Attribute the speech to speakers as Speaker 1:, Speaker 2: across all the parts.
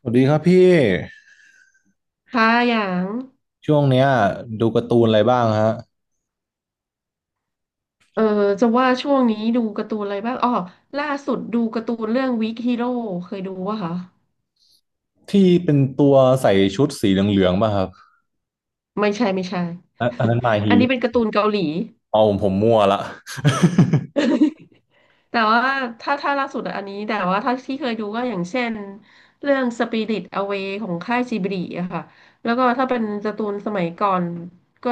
Speaker 1: สวัสดีครับพี่
Speaker 2: ค่ะอย่าง
Speaker 1: ช่วงเนี้ยดูการ์ตูนอะไรบ้างฮะ
Speaker 2: เออจะว่าช่วงนี้ดูการ์ตูนอะไรบ้าง อ๋อ ล่าสุดดูการ์ตูนเรื่องวิกฮีโร่เคยดูวะคะ
Speaker 1: ที่เป็นตัวใส่ชุดสีเหลืองๆป่ะครับ
Speaker 2: ไม่ใช่ไม่ใช่
Speaker 1: อันนั้นมา ฮี
Speaker 2: อัน
Speaker 1: โร่
Speaker 2: นี้เป็นการ์ตูนเกาหลี
Speaker 1: เอาผมมั่วละ
Speaker 2: แต่ว่าถ้าล่าสุดอันนี้แต่ว่าถ้าที่เคยดูก็อย่างเช่นเรื่อง Spirit Away ของค่ายจิบลิอะค่ะแล้วก็ถ้าเป็นการ์ตูนสมัยก่อนก็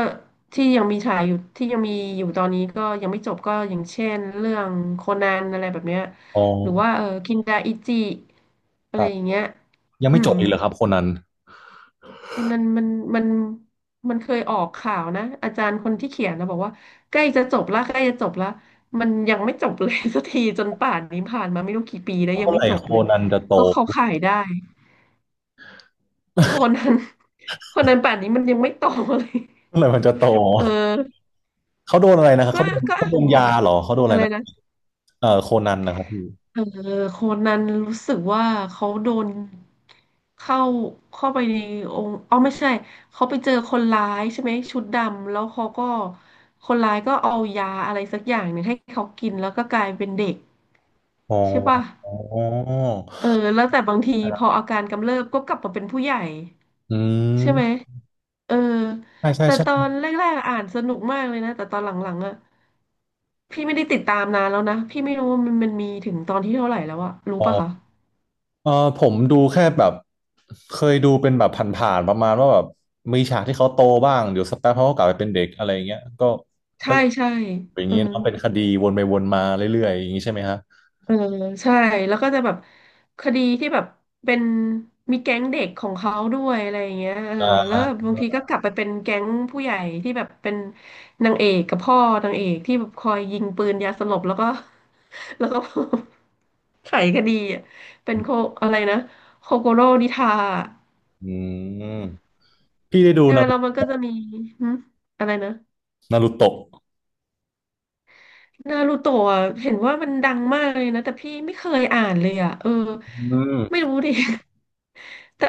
Speaker 2: ที่ยังมีฉายอยู่ที่ยังมีอยู่ตอนนี้ก็ยังไม่จบก็อย่างเช่นเรื่องโคนันอะไรแบบเนี้ย
Speaker 1: อ๋อ
Speaker 2: หรือว่าเออคินดาอิจิอะ
Speaker 1: ค
Speaker 2: ไร
Speaker 1: รับ
Speaker 2: อย่างเงี้ย
Speaker 1: ยัง
Speaker 2: อื
Speaker 1: ไม่จ
Speaker 2: ม
Speaker 1: บอีกเหรอครับโคนัน
Speaker 2: วันนั้นมันมันเคยออกข่าวนะอาจารย์คนที่เขียนนะบอกว่าใกล้จะจบละใกล้จะจบละมันยังไม่จบเลย สักทีจนป่านนี้ผ่านมาไม่รู้กี่ปีแล้วยั
Speaker 1: เมื่
Speaker 2: ง
Speaker 1: อ
Speaker 2: ไม่
Speaker 1: ไหร่
Speaker 2: จบ
Speaker 1: โค
Speaker 2: เลย
Speaker 1: นันจะโต
Speaker 2: เขาขายได้คนนั้นคนนั้นป่านนี้มันยังไม่โตเลย
Speaker 1: เมื่อไหร่มันจะโต
Speaker 2: เออ
Speaker 1: เขาโดนอะไรนะครับ
Speaker 2: ก็
Speaker 1: เขาโดน
Speaker 2: ก็
Speaker 1: เขา
Speaker 2: อ่า
Speaker 1: โด
Speaker 2: น
Speaker 1: น
Speaker 2: หม
Speaker 1: ยา
Speaker 2: ด
Speaker 1: เหรอเขาโดนอะ
Speaker 2: อะ
Speaker 1: ไร
Speaker 2: ไร
Speaker 1: นะ
Speaker 2: นะ
Speaker 1: เออโคนันนะครับพี่
Speaker 2: เออโคนันรู้สึกว่าเขาโดนเข้าเข้าไปในองค์อ๋อไม่ใช่เขาไปเจอคนร้ายใช่ไหมชุดดำแล้วเขาก็คนร้ายก็เอายาอะไรสักอย่างหนึ่งให้เขากินแล้วก็กลายเป็นเด็ก
Speaker 1: อ๋อ
Speaker 2: ใช่ป่ะ
Speaker 1: อ๋อ
Speaker 2: เออแล้วแต่บางทีพออาการกำเริบก็กลับมาเป็นผู้ใหญ่
Speaker 1: อื
Speaker 2: ใช่ไหม
Speaker 1: ม
Speaker 2: เออ
Speaker 1: ใช่ใช่
Speaker 2: แต่
Speaker 1: ใช่
Speaker 2: ตอนแรกๆอ่านสนุกมากเลยนะแต่ตอนหลังๆอ่ะพี่ไม่ได้ติดตามนานแล้วนะพี่ไม่รู้ว่ามันมีถึงตอนที่เท่าไหร่แล้วอะรู้
Speaker 1: อ๋อ
Speaker 2: ป่ะคะ
Speaker 1: เออผมดูแค่แบบเคยดูเป็นแบบผ่านๆประมาณว่าแบบมีฉากที่เขาโตบ้างเดี๋ยวสักแป๊บเขาก็กลับไปเป็นเด็กอะไรอย่างเงี้ยก็ก็
Speaker 2: ใช่ใช่
Speaker 1: อย่าง
Speaker 2: อื
Speaker 1: นี้
Speaker 2: ม
Speaker 1: เนอะเป็นคดีวนไปวนมาเรื่อยๆอย่างนี้ใช่ไหมฮะ
Speaker 2: เออใช่แล้วก็จะแบบคดีที่แบบเป็นมีแก๊งเด็กของเขาด้วยอะไรอย่างเงี้ยเออ
Speaker 1: อ่
Speaker 2: แล้ว
Speaker 1: า
Speaker 2: บางทีก็กลับไปเป็นแก๊งผู้ใหญ่ที่แบบเป็นนางเอกกับพ่อนางเอกที่แบบคอยยิงปืนยาสลบแล้วก็ แล้วก็ ไขคดีอ่ะเป็นโคอะไรนะโคโกโร่นิทา
Speaker 1: อืมพี่ได้ดู
Speaker 2: ใช่ไหม
Speaker 1: นาร
Speaker 2: แล้วมั
Speaker 1: ุ
Speaker 2: นก็จะมีหึอะไรนะ
Speaker 1: นารุโตะ
Speaker 2: นารูโตะอะเห็นว่ามันดังมากเลยนะแต่พี่ไม่เคยอ่านเลยอ่ะเออ
Speaker 1: อื
Speaker 2: ไม่
Speaker 1: ม
Speaker 2: รู้ดิ แต่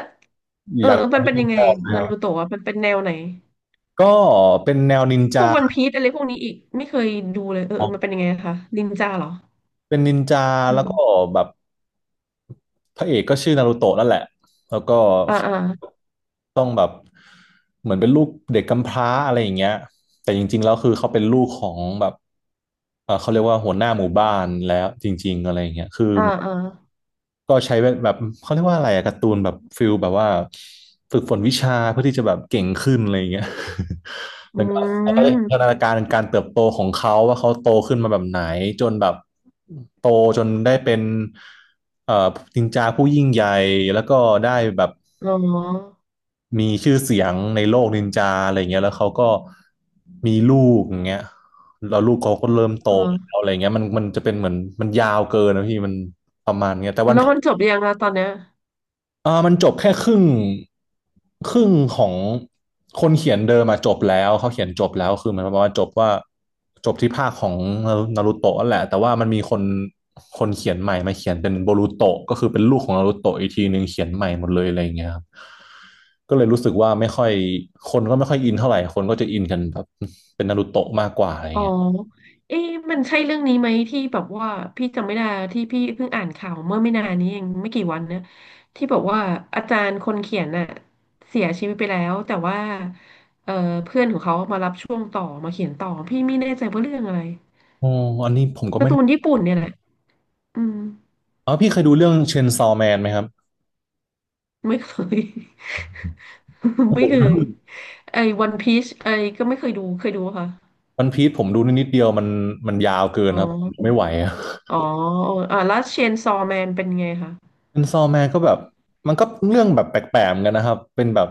Speaker 2: เอ
Speaker 1: อ
Speaker 2: อ
Speaker 1: ยากฟั
Speaker 2: มัน
Speaker 1: ง
Speaker 2: เป็น
Speaker 1: เรื่อ
Speaker 2: ยั
Speaker 1: ง
Speaker 2: งไง
Speaker 1: ต่อเลยค
Speaker 2: นา
Speaker 1: รั
Speaker 2: รู
Speaker 1: บ
Speaker 2: โตะอะมันเป็นแนวไหน
Speaker 1: ก็เป็นแนวนิน
Speaker 2: พว
Speaker 1: จา
Speaker 2: กวันพีซอะไรพวกนี้อีกไม่เคยดูเลยเออเออมันเป็นยังไงคะนินจาเหรอ
Speaker 1: เป็นนินจา
Speaker 2: อื
Speaker 1: แล้วก็
Speaker 2: ม
Speaker 1: แบบ พระเอกก็ชื่อนารูโตะนั่นแหละ แล้วก็
Speaker 2: อ่าอ่า
Speaker 1: ต้องแบบเหมือนเป็นลูกเด็กกำพร้าอะไรอย่างเงี้ยแต่จริงๆแล้วคือเขาเป็นลูกของแบบเออเขาเรียกว่าหัวหน้าหมู่บ้านแล้วจริงๆอะไรอย่างเงี้ยคือ
Speaker 2: อ่าอ่า
Speaker 1: ก็ใช้แบบเขาเรียกว่าอะไรอะการ์ตูนแบบฟิลแบบว่าฝึกฝนวิชาเพื่อที่จะแบบเก่งขึ้นอะไรอย่างเงี้ย
Speaker 2: อื
Speaker 1: แล้วก็เขาก็ได้พัฒ
Speaker 2: ม
Speaker 1: นาการการเติบโตของเขาว่าเขาโตขึ้นมาแบบไหนจนแบบโตจนได้เป็นเอ่อนินจาผู้ยิ่งใหญ่แล้วก็ได้แบบ
Speaker 2: อ๋อ
Speaker 1: มีชื่อเสียงในโลกนินจาอะไรอย่างเงี้ยแล้วเขาก็มีลูกอย่างเงี้ยแล้วลูกเขาก็เริ่มโตแล้
Speaker 2: เออ
Speaker 1: วอะไรอย่างเงี้ยมันจะเป็นเหมือนมันยาวเกินนะพี่มันประมาณเงี้ยแต่วัน
Speaker 2: แล้วมันจบยังอะตอนเนี้ย
Speaker 1: เออมันจบแค่ครึ่งครึ่งของคนเขียนเดิมอะจบแล้วเขาเขียนจบแล้วคือหมันประมาณว่าจบว่าจบที่ภาคของนารูโตะนั่นแหละแต่ว่ามันมีคนคนเขียนใหม่มาเขียนเป็นโบรูโตะก็คือเป็นลูกของนารูโตะอีกทีหนึ่งเขียนใหม่หมดเลยอะไรอย่างเงี้ยครับก็เลยรู้สึกว่าไม่ค่อยคนก็ไม่ค่อยอินเท่าไหร่คนก็จะอินกันแบบเป็นนารูโตะมากกว่าอะไรอย่า
Speaker 2: อ๋
Speaker 1: ง
Speaker 2: อ
Speaker 1: เงี้ย
Speaker 2: เอ๊ะมันใช่เรื่องนี้ไหมที่แบบว่าพี่จำไม่ได้ที่พี่เพิ่งอ่านข่าวเมื่อไม่นานนี้เองไม่กี่วันเนี่ยที่บอกว่าอาจารย์คนเขียนน่ะเสียชีวิตไปแล้วแต่ว่าเอ่อเพื่อนของเขามารับช่วงต่อมาเขียนต่อพี่ไม่แน่ใจว่าเรื่องอะไร
Speaker 1: อ๋ออันนี้ผมก็
Speaker 2: กา
Speaker 1: ไม่
Speaker 2: ร์ตูนญี่ปุ่นเนี่ยแหละอืม
Speaker 1: อ๋อพี่เคยดูเรื่องเชนซอว์แมนไหมครับ
Speaker 2: ไม่เคย ไม่เคยไอ้วันพีชไอ้ก็ไม่เคยดูเคยดูปะค่ะ
Speaker 1: วันพีซผมดูนิดเดียวมันมันยาวเกิน
Speaker 2: อ๋อ
Speaker 1: ครับผมไม่ไหวอะ
Speaker 2: อ๋ออ่าแล้วเชนซอแมนเป็นไงคะ
Speaker 1: เป็นซอแมนก็แบบมันก็เรื่องแบบแปลกๆเหมือนกันนะครับเป็นแบบ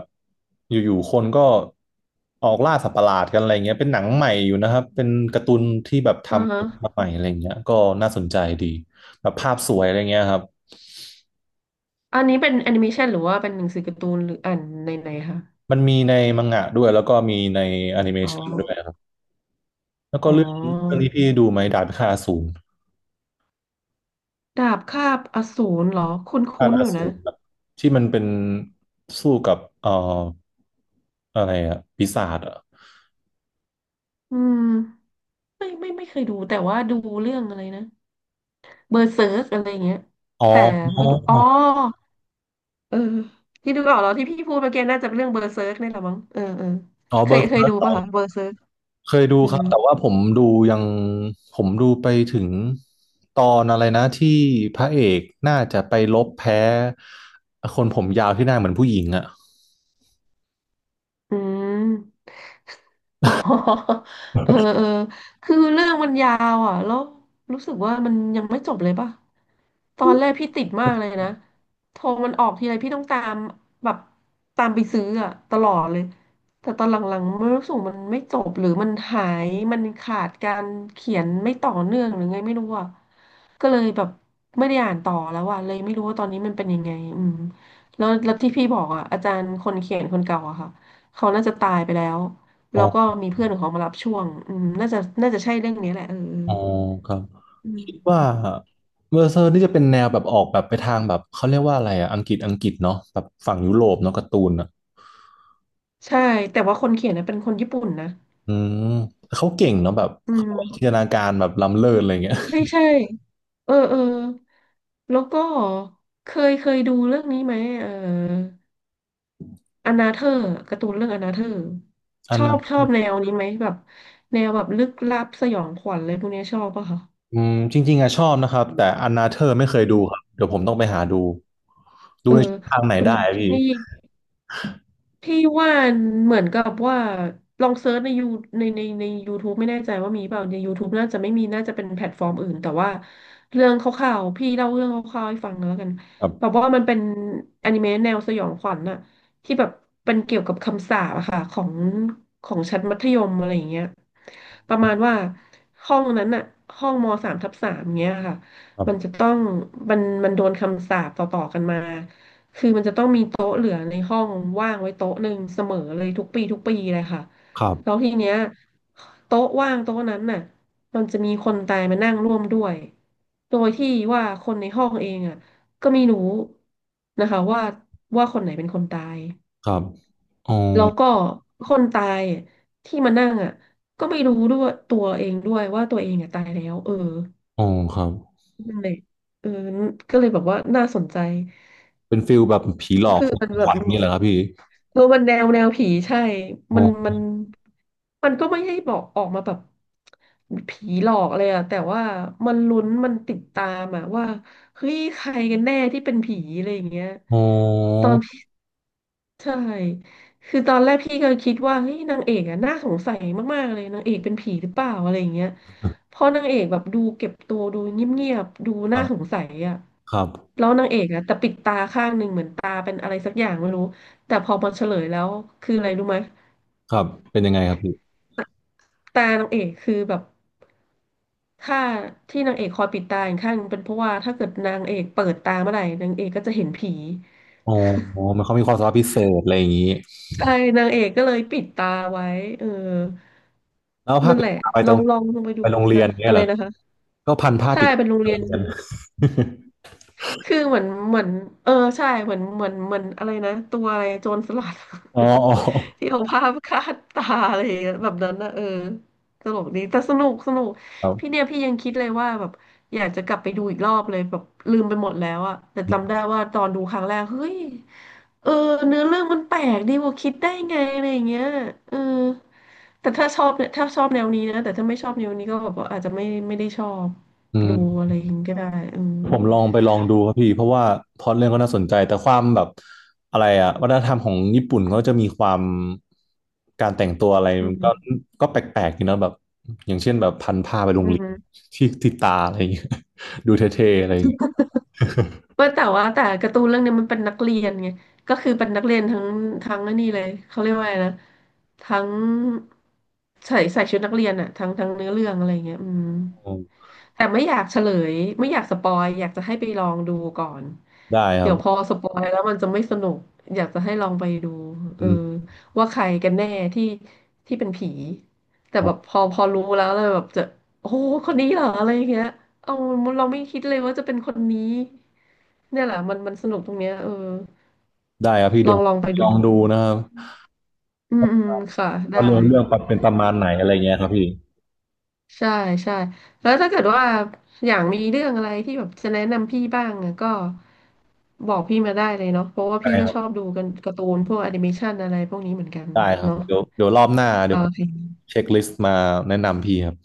Speaker 1: อยู่ๆคนก็ออกล่าสัตว์ประหลาดกันอะไรเงี้ยเป็นหนังใหม่อยู่นะครับเป็นการ์ตูนที่แบบ
Speaker 2: อ่า
Speaker 1: ทำ
Speaker 2: ฮะ
Speaker 1: ขึ้นมาใหม่อะไรเงี้ยก็น่าสนใจดีแบบภาพสวยอะไรเงี้ยครับ
Speaker 2: อันนี้เป็นแอนิเมชันหรือว่าเป็นหนังสือการ์ตูนหรืออ่านในไหนๆคะ
Speaker 1: มันมีในมังงะด้วยแล้วก็มีในแอนิเม
Speaker 2: อ๋อ
Speaker 1: ชันด้วยครับแล้วก็
Speaker 2: อ๋
Speaker 1: เรื่องเรื่อง
Speaker 2: อ
Speaker 1: นี้พี่ดูไหมดาบพิฆาตอสูร
Speaker 2: ดาบคาบอสูรเหรอ
Speaker 1: ดาบ
Speaker 2: คุ้
Speaker 1: พิ
Speaker 2: น
Speaker 1: ฆา
Speaker 2: ๆ
Speaker 1: ต
Speaker 2: อ
Speaker 1: อ
Speaker 2: ยู่นะ
Speaker 1: สูรแบบที่มันเป็นสู้กับอะไรอะปีศาจอะ
Speaker 2: อืม ไม่ไม่ไม่เคยดูแต่ว่าดูเรื่องอะไรนะเบอร์เซิร์กอะไรอย่างเงี้ย
Speaker 1: อ๋อ
Speaker 2: แต่ไม่ดู อ๋อเออที่ดูออกแล้วที่พี่พูดเมื่อกี้น่าจะเป็นเรื่องเบอร์เซิร์กนี่แหละมั้ง เออเออ
Speaker 1: อ๋อ
Speaker 2: เค
Speaker 1: เบอ
Speaker 2: ย
Speaker 1: ร์
Speaker 2: เค
Speaker 1: เซ
Speaker 2: ย
Speaker 1: อร์
Speaker 2: ดูป่ะ
Speaker 1: ก
Speaker 2: คะเบอร์เซิร์ก
Speaker 1: เคยดู
Speaker 2: อื
Speaker 1: ครั
Speaker 2: ม
Speaker 1: บแต่ว่าผมดูยังผมดูไปถึงตอนอะไรนะที่พระเอกน่าจะไปลบแพ้คนผมยาวที่หน้าเหมือนผู้หญิงอ่ะ
Speaker 2: อืม อ๋อ เออเออคือเรื่องมันยาวอ่ะแล้วรู้สึกว่ามันยังไม่จบเลยป่ะตอนแรกพี่ติดมากเลยนะ โทรมันออกทีไรพี่ต้องตามแบบตามไปซื้ออ่ะตลอดเลย แต่ตอนหลังๆมันรู้สึกมันไม่จบหรือมันหายมันขาดการเขียนไม่ต่อเนื่องหรือไงไม่รู้อ่ะ ก็เลยแบบไม่ได้อ่านต่อแล้วอ่ะเลยไม่รู้ว่าตอนนี้มันเป็นยังไงอืมแล้วที่พี่บอกอะอาจารย์คนเขียนคนเก่าอะค่ะเขาน่าจะตายไปแล้ว
Speaker 1: อ๋อ
Speaker 2: แล้วก็มีเพื่อนของเขามารับช่วงอืมน่าจะน่าจะใช่เรื่องนี้แหละเออ
Speaker 1: อ๋อครับ
Speaker 2: อื
Speaker 1: คิดว่า
Speaker 2: ม
Speaker 1: เบอร์เซอร์นี่จะเป็นแนวแบบออกแบบไปทางแบบเขาเรียกว่าอะไรอ่ะอังกฤษเนาะแบบฝั่งยุโรปเนาะการ์ตูนอ่ะ
Speaker 2: ใช่แต่ว่าคนเขียนนะเป็นคนญี่ปุ่นนะ
Speaker 1: อืมเขาเก่งเนาะแบบ
Speaker 2: อื
Speaker 1: เขา
Speaker 2: ม
Speaker 1: จินตนาการแบบล้ำเลิศอะไรเงี้ย
Speaker 2: ใช่ใช่เออเออแล้วก็เคยดูเรื่องนี้ไหมเออ อนาเธอร์การ์ตูนเรื่องอนาเธอร์
Speaker 1: อั
Speaker 2: ช
Speaker 1: น
Speaker 2: อ
Speaker 1: นั้
Speaker 2: บชอ
Speaker 1: น
Speaker 2: บแนวนี้ไหมแบบแนวแบบลึกลับสยองขวัญอะไรพวกเนี้ยชอบป่ะคะ
Speaker 1: อืมจริงๆอะชอบนะครับแต่อันนาเธอร์ไม่เคยดูครับเดี๋ยวผมต้องไปหาดูดู
Speaker 2: เออ
Speaker 1: ในช่องทางไหน
Speaker 2: คุณ
Speaker 1: ได้
Speaker 2: ถึงพี่
Speaker 1: พี่
Speaker 2: พี่ว่าเหมือนกับว่าลองเซิร์ชในยูใน YouTube ไม่แน่ใจว่ามีเปล่าใน YouTube น่าจะไม่มีน่าจะเป็นแพลตฟอร์มอื่นแต่ว่าเรื่องคร่าวๆพี่เล่าเรื่องคร่าวๆให้ฟังแล้วกัน
Speaker 1: ครั
Speaker 2: แบบ
Speaker 1: บ
Speaker 2: ว่ามันเป็นอนิเมะแนวสยองขวัญน่ะที่แบบเป็นเกี่ยวกับคำสาปอะค่ะของของชั้นมัธยมอะไรอย่างเงี้ยประมาณว่าห้องนั้นน่ะห้องมสามทับสามเงี้ยค่ะ
Speaker 1: ครั
Speaker 2: มันจะ
Speaker 1: บ
Speaker 2: ต้องมันโดนคำสาปต่อๆกันมา คือมันจะต้องมีโต๊ะเหลือในห้องว่างไว้โต๊ะหนึ่งเสมอเลยทุกปีทุกปีเลยค่ะ
Speaker 1: ครั
Speaker 2: แล้ว
Speaker 1: บ
Speaker 2: ทีเนี้ยโต๊ะว่างโต๊ะนั้นน่ะมันจะมีคนตายมานั่งร่วมด้วยโดยที่ว่าคนในห้องเองอ่ะก็ไม่รู้นะคะว่าคนไหนเป็นคนตาย
Speaker 1: ครับอ๋อ
Speaker 2: แล้วก็คนตายที่มานั่งอ่ะก็ไม่รู้ด้วยตัวเองด้วยว่าตัวเองอ่ะตายแล้วเออ
Speaker 1: อ๋อครับ
Speaker 2: นั่นเลยเออก็เลยแบบว่าน่าสนใจ
Speaker 1: เป็นฟิลแบบผีหล
Speaker 2: ก็
Speaker 1: อก
Speaker 2: คือ
Speaker 1: คน
Speaker 2: มันแบ
Speaker 1: ข
Speaker 2: บ
Speaker 1: วัญนี่เหรอครับพี่
Speaker 2: เออมันแนวแนวผีใช่
Speaker 1: อ๋
Speaker 2: มันมั
Speaker 1: อ
Speaker 2: นมันก็ไม่ให้บอกออกมาแบบผีหลอกเลยอะแต่ว่ามันลุ้นมันติดตามอะว่าเฮ้ยใครกันแน่ที่เป็นผีอะไรอย่างเงี้ย
Speaker 1: อ๋อ
Speaker 2: ตอน ใช่คือตอนแรกพี่ก็คิดว่าเฮ้ยนางเอกอะน่าสงสัยมากๆเลยนางเอกเป็นผีหรือเปล่าอะไรอย่างเงี้ยเพอนางเอกแบบดูเก็บตัวดูเงียบๆดู
Speaker 1: ครั
Speaker 2: น่าสง
Speaker 1: บ
Speaker 2: สัยอะ
Speaker 1: ครับ
Speaker 2: แล้วนางเอกอะแต่ปิดตาข้างหนึ่งเหมือนตาเป็นอะไรสักอย่างไม่รู้แต่พอมาเฉลยแล้วคืออะไรรู้ไหม
Speaker 1: ครับเป็นยังไงครับพี่
Speaker 2: ตานางเอกคือแบบถ้าที่นางเอกคอยปิดตาอีกข้างหนึ่งเป็นเพราะว่าถ้าเกิดนางเอกเปิดตาเมื่อไหร่นางเอกก็จะเห็นผี
Speaker 1: อ๋ออ๋อมันเขามีความสามารถพิเศษอะไรอย่างนี้
Speaker 2: ใช่นางเอกก็เลยปิดตาไว้เออ
Speaker 1: แล้วผ้า
Speaker 2: นั่น
Speaker 1: ปิ
Speaker 2: แห
Speaker 1: ด
Speaker 2: ละ
Speaker 1: ตาไป
Speaker 2: ล
Speaker 1: ตร
Speaker 2: อง
Speaker 1: ง
Speaker 2: ลองลองไปดู
Speaker 1: ไปโรงเรีย
Speaker 2: นะ
Speaker 1: นเนี่ย
Speaker 2: อะ
Speaker 1: เห
Speaker 2: ไร
Speaker 1: รอ
Speaker 2: นะคะ
Speaker 1: ก็พันผ้า
Speaker 2: ใช่
Speaker 1: ปิด
Speaker 2: เป็นโรง
Speaker 1: ตา
Speaker 2: เรียน
Speaker 1: เรียน
Speaker 2: คือเหมือนเออใช่เหมือนอะไรนะตัวอะไรโจรสลัด
Speaker 1: อ๋ออ๋อ
Speaker 2: ที่เอาผ้าคาดตาอะไรอย่างเงี้ยแบบนั้นนะเออตลกดีแต่สนุกสนุก
Speaker 1: ครั
Speaker 2: พี่
Speaker 1: บ
Speaker 2: เนี่ยพี่ยังคิดเลยว่าแบบอยากจะกลับไปดูอีกรอบเลยแบบลืมไปหมดแล้วอะแต่จำได้ว่าตอนดูครั้งแรกเฮ้ยเออเนื้อเรื่องมันแปลกดีกว่าคิดได้ไงอะไรอย่างเงี้ยเออแต่ถ้าชอบเนี่ยถ้าชอบแนวนี้นะแต่ถ้าไม่ชอบแนวนี้ก็แบบว่าอาจจะไม่ได้ชอบ
Speaker 1: อื
Speaker 2: ดูอะ
Speaker 1: ม
Speaker 2: ไรอย่างงี้ก็ได้อืม
Speaker 1: ผมลองไปลองดูครับพี่เพราะว่าพล็อตเรื่องก็น่าสนใจแต่ความแบบอะไรอะวัฒนธรรมของญี่ปุ่นเขาจะมีความการแต่งตัวอะไร
Speaker 2: อื
Speaker 1: มันก็
Speaker 2: ม
Speaker 1: ก็แปลกๆอยู่นะแบบอย่างเช่นแบบพันผ้าไปโร
Speaker 2: อื
Speaker 1: งเรียน
Speaker 2: ม
Speaker 1: ที่ติดตาอะไรอย่างเงี้ย ดูเท่ๆอะไรอย่างเงี้ย
Speaker 2: ว่าแต่การ์ตูนเรื่องเนี้ยมันเป็นนักเรียนไงก็คือเป็นนักเรียนทั้งไอ้นี่เลยเขาเรียกว่าอะไงนะทั้งใส่ชุดนักเรียนอะทั้งเนื้อเรื่องอะไรเงี้ยอืม
Speaker 1: อืม
Speaker 2: แต่ไม่อยากเฉลยไม่อยากสปอยอยากจะให้ไปลองดูก่อน
Speaker 1: ได้ครั
Speaker 2: เดี๋ยวพอ
Speaker 1: บ
Speaker 2: สปอยแล้วมันจะไม่สนุกอยากจะให้ลองไปดูเอ
Speaker 1: อื
Speaker 2: อ
Speaker 1: ม
Speaker 2: ว่าใครกันแน่ที่ที่เป็นผีแต่
Speaker 1: ครั
Speaker 2: แบบพ
Speaker 1: บ
Speaker 2: อพอรู้แล้วเลยแบบจะโอ้โหคนนี้เหรออะไรอย่างเงี้ย เออเราไม่คิดเลยว่าจะเป็นคนนี้เนี่ยแหละมันมันสนุกตรงเนี้ยเออ
Speaker 1: ได้ครับพี่
Speaker 2: ล
Speaker 1: เดี๋
Speaker 2: อ
Speaker 1: ยว
Speaker 2: งลองไป
Speaker 1: ล
Speaker 2: ดู
Speaker 1: องดูนะครับ
Speaker 2: อืมอืมค่ะได้
Speaker 1: ว่าเรื่องเรื่องเป็นประมาณไหนอะไรเงี้ยครับพี่
Speaker 2: ใช่ใช่แล้วถ้าเกิดว่าอย่างมีเรื่องอะไรที่แบบจะแนะนำพี่บ้างอะก็บอกพี่มาได้เลยเนาะเพราะว่า
Speaker 1: ได้
Speaker 2: พี่ก็
Speaker 1: ครั
Speaker 2: ชอบ
Speaker 1: บ
Speaker 2: ดูกันการ์ตูนพวกแอนิเมชันอะไรพวกนี้เหมือนกัน
Speaker 1: ได้ครับ
Speaker 2: เนาะ
Speaker 1: เดี๋ยวเดี๋ยวรอบหน้า
Speaker 2: โอ
Speaker 1: เดี๋ยวผม
Speaker 2: เค
Speaker 1: เช็คลิสต์มาแนะนำพี่ครับ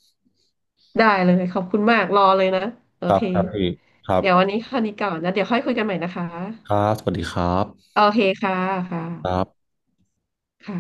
Speaker 2: ได้เลยขอบคุณมากรอเลยนะโอ
Speaker 1: ครับ
Speaker 2: เค
Speaker 1: ครับพี่ครับ
Speaker 2: เดี๋ยววันนี้แค่นี้ก่อนนะเดี๋ยวค่อยคุยกันใหม่นะคะ
Speaker 1: ครับ สวัสดีครับ
Speaker 2: โอเคค่ะค
Speaker 1: ครั
Speaker 2: ่ะ
Speaker 1: บ
Speaker 2: ค่ะ